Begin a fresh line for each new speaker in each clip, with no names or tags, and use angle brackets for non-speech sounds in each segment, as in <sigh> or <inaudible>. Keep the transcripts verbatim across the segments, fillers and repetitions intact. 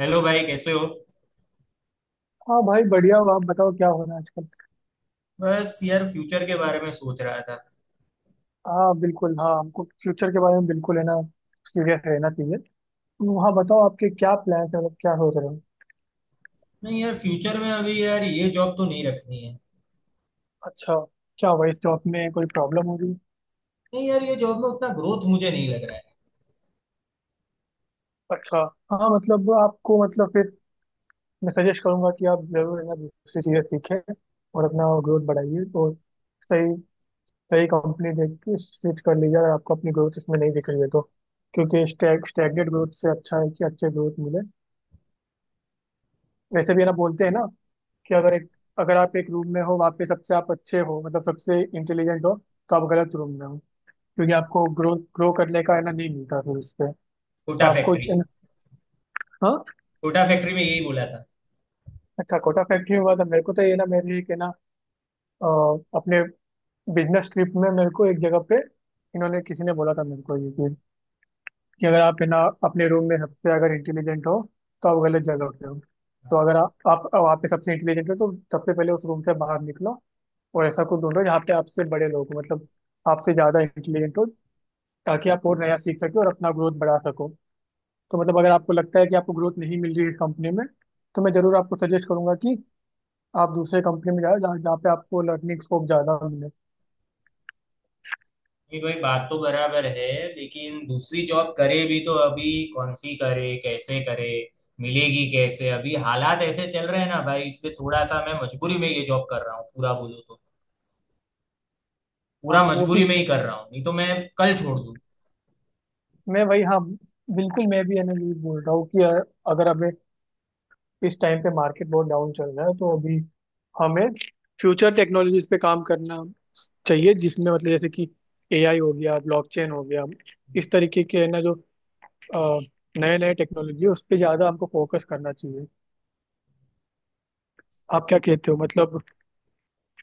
Hello भाई कैसे हो।
हाँ भाई, बढ़िया हो। आप बताओ, क्या हो रहा है आजकल।
बस यार फ्यूचर के बारे में सोच रहा था।
हाँ, बिल्कुल। हाँ, हमको फ्यूचर के बारे में बिल्कुल है ना, सीरियस रहना चाहिए। तो हाँ, बताओ आपके क्या प्लान्स हैं, मतलब क्या सोच रहे हो।
नहीं यार फ्यूचर में अभी यार ये जॉब तो नहीं रखनी है।
अच्छा। क्या हुआ, इस जॉब में कोई प्रॉब्लम हो रही?
नहीं यार ये जॉब में उतना ग्रोथ मुझे नहीं लग रहा है।
अच्छा। हाँ मतलब, आपको मतलब, फिर मैं सजेस्ट करूंगा कि आप जरूर है ना दूसरी चीज़ें सीखें, और अपना ग्रोथ बढ़ाइए तो सही। सही कंपनी देख के स्विच कर लीजिए, अगर आपको अपनी ग्रोथ इसमें नहीं दिख रही है तो। क्योंकि स्टैग स्टैगनेट ग्रोथ से अच्छा है कि अच्छे ग्रोथ मिले। वैसे भी है ना, बोलते हैं ना कि अगर एक अगर आप एक रूम में हो, वहाँ पे सबसे आप अच्छे हो, मतलब सबसे इंटेलिजेंट हो, तो आप गलत रूम में हो। क्योंकि आपको ग्रो ग्रो करने का है ना, नहीं मिलता फिर उससे। तो
कोटा
आपको
फैक्ट्री।
इन-, हाँ।
कोटा फैक्ट्री में यही बोला था।
अच्छा, कोटा फैक्ट्री में हुआ था मेरे को तो, ये ना मेरे एक है ना, अ, अपने बिजनेस ट्रिप में मेरे को एक जगह पे इन्होंने किसी ने बोला था मेरे को ये चीज़, कि अगर आप है ना अपने रूम में सबसे अगर इंटेलिजेंट हो तो आप गलत जगह पे हो। तो अगर आप, आप वहाँ पे सबसे इंटेलिजेंट हो तो सबसे पहले उस रूम से बाहर निकलो, और ऐसा कुछ ढूंढो जहाँ पे आपसे बड़े लोग हो, मतलब आपसे ज़्यादा इंटेलिजेंट हो, ताकि आप और नया सीख सको और अपना ग्रोथ बढ़ा सको। तो मतलब, अगर आपको लगता है कि आपको ग्रोथ नहीं मिल रही है इस कंपनी में, तो मैं ज़रूर आपको सजेस्ट करूंगा कि आप दूसरे कंपनी में जाओ, जहाँ जहाँ पे आपको लर्निंग स्कोप ज़्यादा मिले।
नहीं भाई बात तो बराबर है। लेकिन दूसरी जॉब करे भी तो अभी कौन सी करे, कैसे करे, मिलेगी कैसे? अभी हालात ऐसे चल रहे हैं ना भाई, इसलिए थोड़ा सा मैं मजबूरी में ये जॉब कर रहा हूँ, पूरा बोलूँ तो पूरा
हाँ, वो भी
मजबूरी में
है।
ही कर रहा हूँ, नहीं तो मैं कल छोड़ दूँ।
मैं वही, हाँ। बिल्कुल, मैं भी है ना यही बोल रहा हूँ कि अ, अगर हमें, इस टाइम पे मार्केट बहुत डाउन चल रहा है तो अभी हमें फ्यूचर टेक्नोलॉजीज पे काम करना चाहिए, जिसमें मतलब जैसे कि ए आई हो गया, ब्लॉकचेन हो गया, इस तरीके के है ना जो नए नए टेक्नोलॉजी है, उस पर ज़्यादा हमको फोकस करना चाहिए। आप क्या कहते हो मतलब?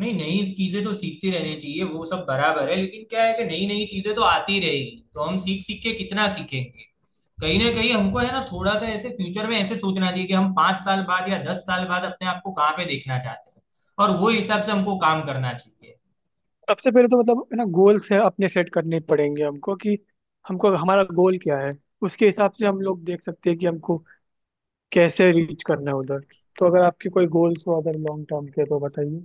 नहीं, नई चीजें तो सीखती रहनी चाहिए, वो सब बराबर है, लेकिन क्या है कि नई नई चीजें तो आती रहेगी तो हम सीख सीख के कितना सीखेंगे। कहीं ना कहीं हमको है ना थोड़ा सा ऐसे फ्यूचर में ऐसे सोचना चाहिए कि हम पांच साल बाद या दस साल बाद अपने आप को कहाँ पे देखना चाहते हैं, और वो हिसाब से हमको काम करना चाहिए।
सबसे पहले तो मतलब है ना, गोल्स है अपने सेट करने पड़ेंगे हमको कि हमको हमारा गोल क्या है। उसके हिसाब से हम लोग देख सकते हैं कि हमको कैसे रीच करना है उधर। तो अगर आपके कोई गोल्स हो, अगर लॉन्ग टर्म के, तो बताइए।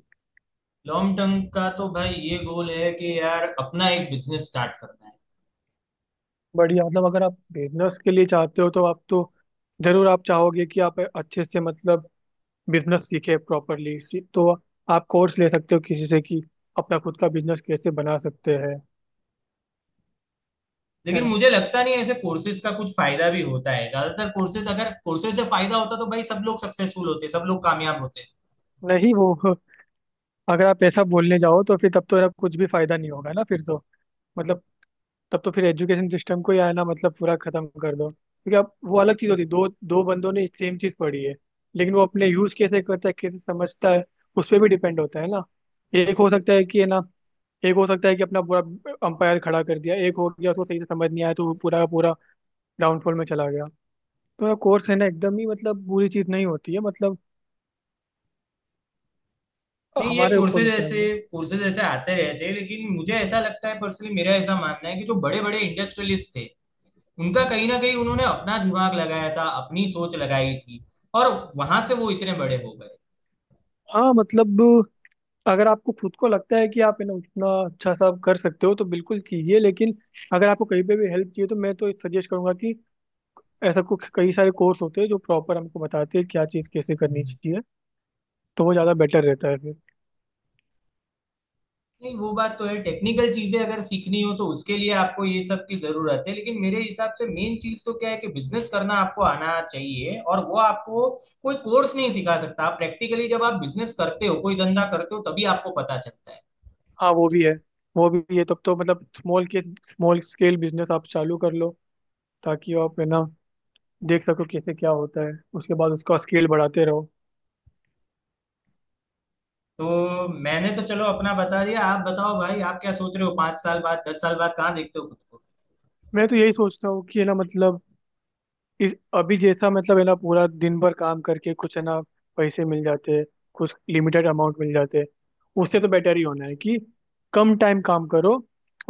लॉन्ग टर्म का तो भाई ये गोल है कि यार अपना एक बिजनेस स्टार्ट करना है।
बढ़िया। मतलब, अगर आप बिजनेस के लिए चाहते हो तो आप तो जरूर आप चाहोगे कि आप अच्छे से मतलब बिजनेस सीखे प्रॉपरली। तो आप कोर्स ले सकते हो किसी से कि अपना खुद का बिजनेस कैसे बना सकते हैं। है
लेकिन
ना।
मुझे लगता नहीं है ऐसे कोर्सेज का कुछ फायदा भी होता है, ज्यादातर कोर्सेज, अगर कोर्सेज से फायदा होता तो भाई सब लोग सक्सेसफुल होते, सब लोग कामयाब होते।
नहीं, वो <laughs> अगर आप ऐसा बोलने जाओ तो फिर तब तो आप कुछ भी फायदा नहीं होगा ना फिर तो। मतलब, तब तो फिर एजुकेशन सिस्टम को ही आना, मतलब पूरा खत्म कर दो, क्योंकि अब वो अलग चीज होती है, दो दो बंदों ने सेम चीज पढ़ी है, लेकिन वो अपने यूज कैसे करता है, कैसे समझता है, उस पर भी डिपेंड होता है ना। एक हो सकता है कि है ना, एक हो सकता है कि अपना पूरा अंपायर खड़ा कर दिया, एक हो गया उसको सही से समझ नहीं आया तो वो पूरा का पूरा डाउनफॉल में चला गया। तो कोर्स है ना एकदम ही मतलब बुरी चीज नहीं होती है, मतलब
नहीं, ये
हमारे ऊपर
कोर्सेज
होता है
ऐसे
वो।
कोर्सेज ऐसे आते रहते हैं, लेकिन मुझे ऐसा लगता है, पर्सनली मेरा ऐसा मानना है कि जो बड़े बड़े इंडस्ट्रियलिस्ट थे उनका कहीं ना कहीं उन्होंने अपना दिमाग लगाया था, अपनी सोच लगाई थी, और वहां से वो इतने बड़े हो गए।
हाँ मतलब, अगर आपको खुद को लगता है कि आप है ना उतना अच्छा सा आप कर सकते हो तो बिल्कुल कीजिए, लेकिन अगर आपको कहीं पे भी हेल्प चाहिए तो मैं तो सजेस्ट करूंगा कि ऐसा कुछ, कई सारे कोर्स होते हैं जो प्रॉपर हमको बताते हैं क्या चीज़ कैसे करनी चाहिए। तो वो ज़्यादा बेटर रहता है फिर।
नहीं, वो बात तो है, टेक्निकल चीजें अगर सीखनी हो तो उसके लिए आपको ये सब की जरूरत है, लेकिन मेरे हिसाब से मेन चीज तो क्या है कि बिजनेस करना आपको आना चाहिए, और वो आपको कोई कोर्स नहीं सिखा सकता। आप प्रैक्टिकली जब आप बिजनेस करते हो, कोई धंधा करते हो, तभी आपको पता चलता है।
हाँ, वो भी है। वो भी है, तब तो मतलब स्मॉल के स्मॉल स्केल बिजनेस आप चालू कर लो, ताकि आप है ना देख सको कैसे क्या होता है, उसके बाद उसका स्केल बढ़ाते रहो।
तो मैंने तो चलो अपना बता दिया, आप बताओ भाई, आप क्या सोच रहे हो पांच साल बाद दस साल बाद, कहाँ देखते हो खुद को?
मैं तो यही सोचता हूँ कि है ना मतलब, इस अभी जैसा मतलब है ना पूरा दिन भर काम करके कुछ है ना पैसे मिल जाते हैं, कुछ लिमिटेड अमाउंट मिल जाते हैं। उससे तो बेटर ही होना है कि कम टाइम काम करो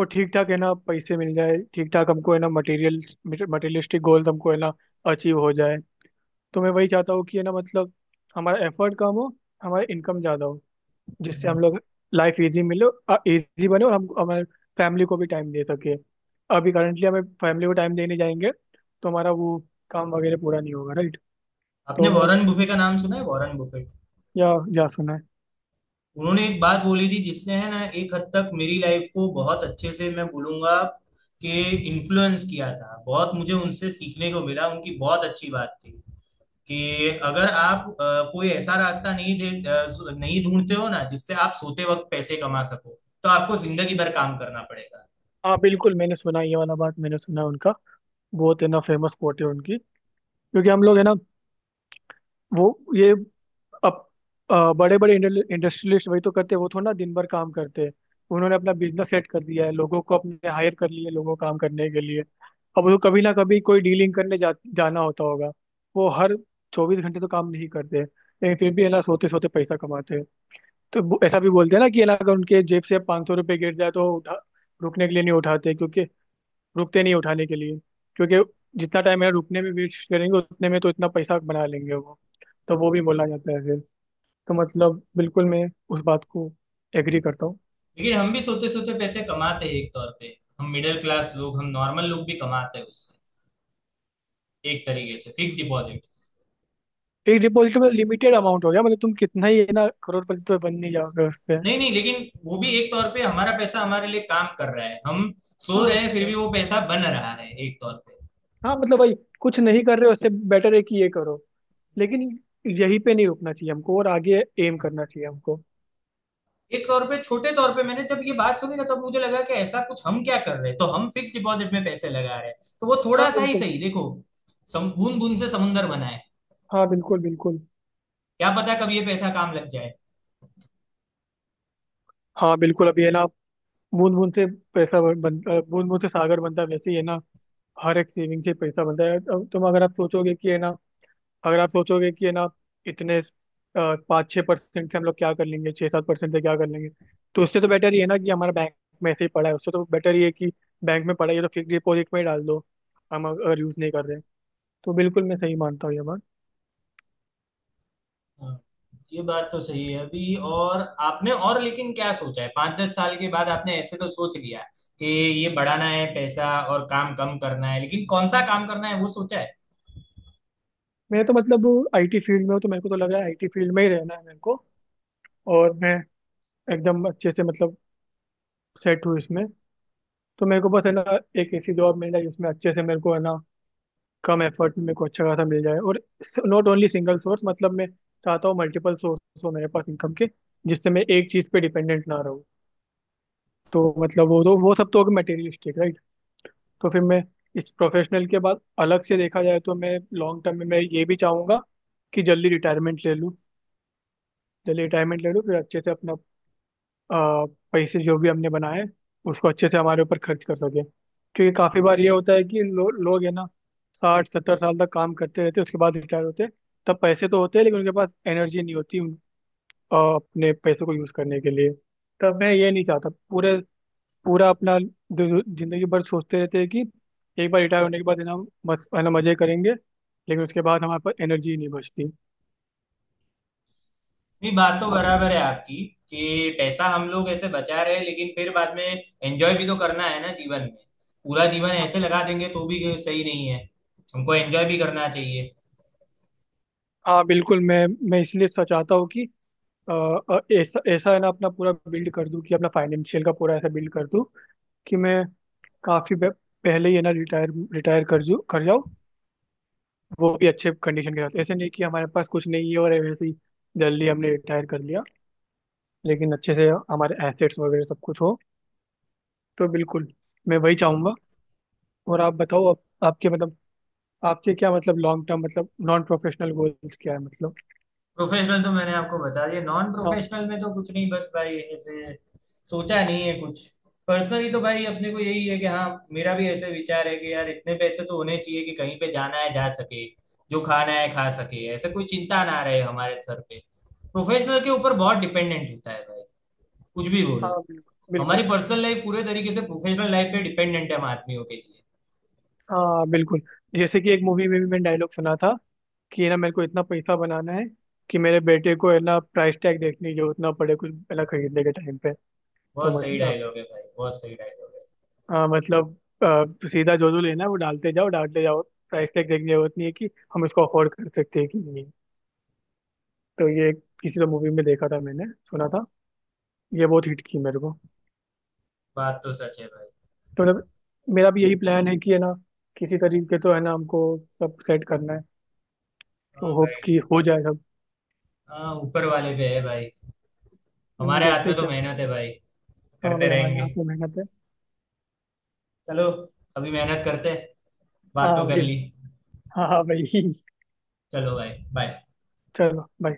और ठीक ठाक है ना पैसे मिल जाए, ठीक ठाक हमको है ना मटेरियल मटेरियलिस्टिक गोल हमको है ना अचीव हो जाए। तो मैं वही चाहता हूँ कि है ना मतलब, हमारा एफर्ट कम हो, हमारा इनकम ज़्यादा हो, जिससे
हम्म,
हम लोग लाइफ इजी मिले, इजी बने, और हम हमारे फैमिली को भी टाइम दे सके। अभी करंटली हमें फैमिली को टाइम देने जाएंगे तो हमारा वो काम वगैरह पूरा नहीं होगा, राइट?
आपने
तो मैं,
वॉरेन बुफे का नाम सुना है? वॉरेन बुफेट,
या या सुना है।
उन्होंने एक बात बोली थी जिसने है ना एक हद तक मेरी लाइफ को बहुत अच्छे से, मैं बोलूंगा कि इन्फ्लुएंस किया था। बहुत मुझे उनसे सीखने को मिला, उनकी बहुत अच्छी बात थी कि अगर आप अ, कोई ऐसा रास्ता नहीं दे अ, नहीं ढूंढते हो ना जिससे आप सोते वक्त पैसे कमा सको, तो आपको जिंदगी भर काम करना पड़ेगा।
हाँ बिल्कुल, मैंने सुना है, ये वाला बात मैंने सुना है उनका। बहुत है ना फेमस कोट है उनकी। क्योंकि हम लोग है ना, वो, ये, अब, बड़े बड़े इंडस्ट्रियलिस्ट वही तो करते हैं, वो थोड़ा ना दिन भर काम करते हैं। उन्होंने अपना बिजनेस सेट कर दिया है, लोगों को अपने हायर कर लिए लोगों को काम करने के लिए। अब उनको कभी ना कभी कोई डीलिंग करने जा, जाना होता होगा। वो हर चौबीस घंटे तो काम नहीं करते, लेकिन फिर भी है ना सोते सोते पैसा कमाते हैं। तो वो- ऐसा भी बोलते हैं ना कि है ना, अगर उनके जेब से पाँच सौ रुपये गिर जाए तो उठा, रुकने के लिए नहीं उठाते, क्योंकि रुकते नहीं उठाने के लिए, क्योंकि जितना टाइम है रुकने में वेस्ट करेंगे उतने में तो इतना पैसा बना लेंगे वो। तो वो भी बोला जाता है। तो मतलब बिल्कुल मैं उस बात को एग्री करता हूँ।
लेकिन हम भी सोते सोते पैसे कमाते हैं एक तौर पे, हम मिडिल क्लास लोग, हम नॉर्मल लोग भी कमाते हैं उससे, एक तरीके से, फिक्स डिपॉजिट।
एक डिपॉजिट में लिमिटेड अमाउंट हो गया, मतलब तुम कितना ही है ना करोड़पति तो बन नहीं जाओगे उससे।
नहीं नहीं, लेकिन वो भी एक तौर पे हमारा पैसा हमारे लिए काम कर रहा है, हम सो
हाँ
रहे हैं फिर
भाई।
भी वो पैसा बन रहा है एक तौर पे।
हाँ मतलब भाई, कुछ नहीं कर रहे हो उससे बेटर है कि ये करो, लेकिन यहीं पे नहीं रुकना चाहिए हमको, और आगे एम करना चाहिए हमको।
एक तौर पे छोटे तौर पे, मैंने जब ये बात सुनी ना तब मुझे लगा कि ऐसा कुछ हम क्या कर रहे हैं? तो हम फिक्स डिपॉजिट में पैसे लगा रहे हैं तो वो
हाँ,
थोड़ा सा ही
बिल्कुल।
सही, देखो, सम, बूंद बूंद से समुंदर बना है।
हाँ, बिल्कुल, बिल्कुल।
क्या पता कब ये पैसा काम लग जाए।
हाँ, बिल्कुल। अभी है ना, बूंद बूंद से पैसा बन बूंद बूंद से सागर बनता है, वैसे ही है ना हर एक सेविंग से पैसा बनता है। अब तुम अगर आप सोचोगे कि है ना, अगर आप सोचोगे कि है ना इतने पाँच छः परसेंट से हम लोग क्या कर लेंगे, छः सात परसेंट से क्या कर लेंगे। तो उससे तो बेटर ये है ना कि हमारा बैंक में ऐसे ही पड़ा है, उससे तो बेटर ये है कि बैंक में पड़ा है ये तो फिक्स डिपॉजिट में ही डाल दो, हम अग- अगर यूज़ नहीं कर रहे हैं। तो बिल्कुल मैं सही मानता हूँ ये बात।
हाँ, ये बात तो सही है अभी, और आपने और लेकिन क्या सोचा है पाँच दस साल के बाद? आपने ऐसे तो सोच लिया कि ये बढ़ाना है पैसा और काम कम करना है, लेकिन कौन सा काम करना है वो सोचा है?
मैं तो मतलब आई टी फील्ड में हूँ, तो मेरे को तो लग रहा है आई टी फील्ड में ही रहना है मेरे को, और मैं एकदम अच्छे से मतलब सेट हूँ इसमें। तो मेरे को बस है ना एक ऐसी जॉब मिल जाए जिसमें अच्छे से मेरे को है ना कम एफर्ट में मेरे को अच्छा खासा मिल जाए, और नॉट ओनली सिंगल सोर्स, मतलब मैं चाहता हूँ मल्टीपल सोर्स हो मेरे पास इनकम के, जिससे मैं एक चीज़ पे डिपेंडेंट ना रहूँ। तो मतलब, वो तो वो सब तो होगा मटेरियलिस्टिक, राइट? तो फिर मैं इस प्रोफेशनल के बाद अलग से देखा जाए तो मैं लॉन्ग टर्म में मैं ये भी चाहूँगा कि जल्दी रिटायरमेंट ले लूँ। जल्दी रिटायरमेंट ले लूँ फिर अच्छे से अपना अ, पैसे जो भी हमने बनाए उसको अच्छे से हमारे ऊपर खर्च कर सके। क्योंकि काफ़ी बार ये होता है कि लो, लोग है ना साठ सत्तर साल तक काम करते रहते हैं, उसके बाद रिटायर होते हैं। तब पैसे तो होते हैं, लेकिन उनके पास एनर्जी नहीं होती उन- अ, अपने पैसों को यूज़ करने के लिए। तब मैं ये नहीं चाहता पूरे पूरा अपना दि- जिंदगी भर सोचते रहते हैं कि एक बार रिटायर होने के बाद है ना हम मस है ना मज़े करेंगे, लेकिन उसके बाद हमारे पास एनर्जी नहीं बचती।
नहीं, बात तो
हम।
बराबर है आपकी, कि पैसा हम लोग ऐसे बचा रहे हैं लेकिन फिर बाद में एंजॉय भी तो करना है ना जीवन में। पूरा जीवन ऐसे लगा देंगे तो भी सही नहीं है, हमको एंजॉय भी करना चाहिए।
हाँ, बिल्कुल। मैं मैं इसलिए सोच- चाहता हूँ कि, अ, अ, ऐसा ऐसा है ना अपना पूरा बिल्ड कर दूं कि अपना फाइनेंशियल का पूरा ऐसा बिल्ड कर दूं कि मैं काफी बे- पहले ही है ना रिटायर रिटायर कर जू कर जाऊं, वो भी अच्छे कंडीशन के साथ, ऐसे नहीं कि हमारे पास कुछ नहीं है और वैसे ही जल्दी हमने रिटायर कर लिया, लेकिन अच्छे से हमारे एसेट्स वगैरह सब कुछ हो। तो बिल्कुल मैं वही चाहूंगा। और आप बताओ, आप, आपके मतलब आपके क्या मतलब लॉन्ग टर्म मतलब नॉन प्रोफेशनल गोल्स क्या है, मतलब?
प्रोफेशनल तो मैंने आपको बता दिया, नॉन
हाँ।
प्रोफेशनल में तो कुछ नहीं, बस भाई ऐसे सोचा नहीं है कुछ। पर्सनली तो भाई अपने को यही है कि हाँ, मेरा भी ऐसे विचार है कि यार इतने पैसे तो होने चाहिए कि कहीं पे जाना है जा सके, जो खाना है खा सके, ऐसे कोई चिंता ना रहे हमारे सर पे। प्रोफेशनल के ऊपर बहुत डिपेंडेंट होता है भाई, कुछ भी
हाँ,
बोलो।
बिल्कुल, बिल्कुल।
हमारी पर्सनल लाइफ पूरे तरीके से प्रोफेशनल लाइफ पे डिपेंडेंट है हम आदमियों के लिए।
हाँ, बिल्कुल। जैसे कि एक मूवी में भी मैंने डायलॉग सुना था कि ना, मेरे को इतना पैसा बनाना है कि मेरे बेटे को है ना प्राइस टैग देखने की जरूरत ना पड़े कुछ है ना खरीदने के टाइम पे। तो
बहुत सही
मतलब,
डायलॉग है भाई, बहुत सही डायलॉग है।
हाँ मतलब, अ, सीधा जो जो लेना है वो डालते जाओ, डालते जाओ, प्राइस टैग देखने की जरूरत नहीं है कि हम इसको अफोर्ड कर सकते हैं कि नहीं। तो ये किसी तो मूवी में देखा था मैंने, सुना था, ये बहुत हिट की मेरे को।
बात तो सच है भाई।
तो मतलब, मेरा भी यही प्लान है कि है ना, किसी तरीके तो है ना हमको सब सेट करना है। तो
हाँ
होप
भाई।
कि हो जाए सब।
हाँ, ऊपर वाले पे है भाई,
हम्म,
हमारे हाथ
देखते
में
हैं
तो
क्या।
मेहनत है भाई।
हाँ
करते
भाई, हमारे
रहेंगे।
हाथ में मेहनत है।
चलो, अभी मेहनत करते हैं,
हाँ
बात तो कर
भाई।
ली।
हाँ, हाँ भाई।
चलो भाई। बाय।
<laughs> चलो भाई।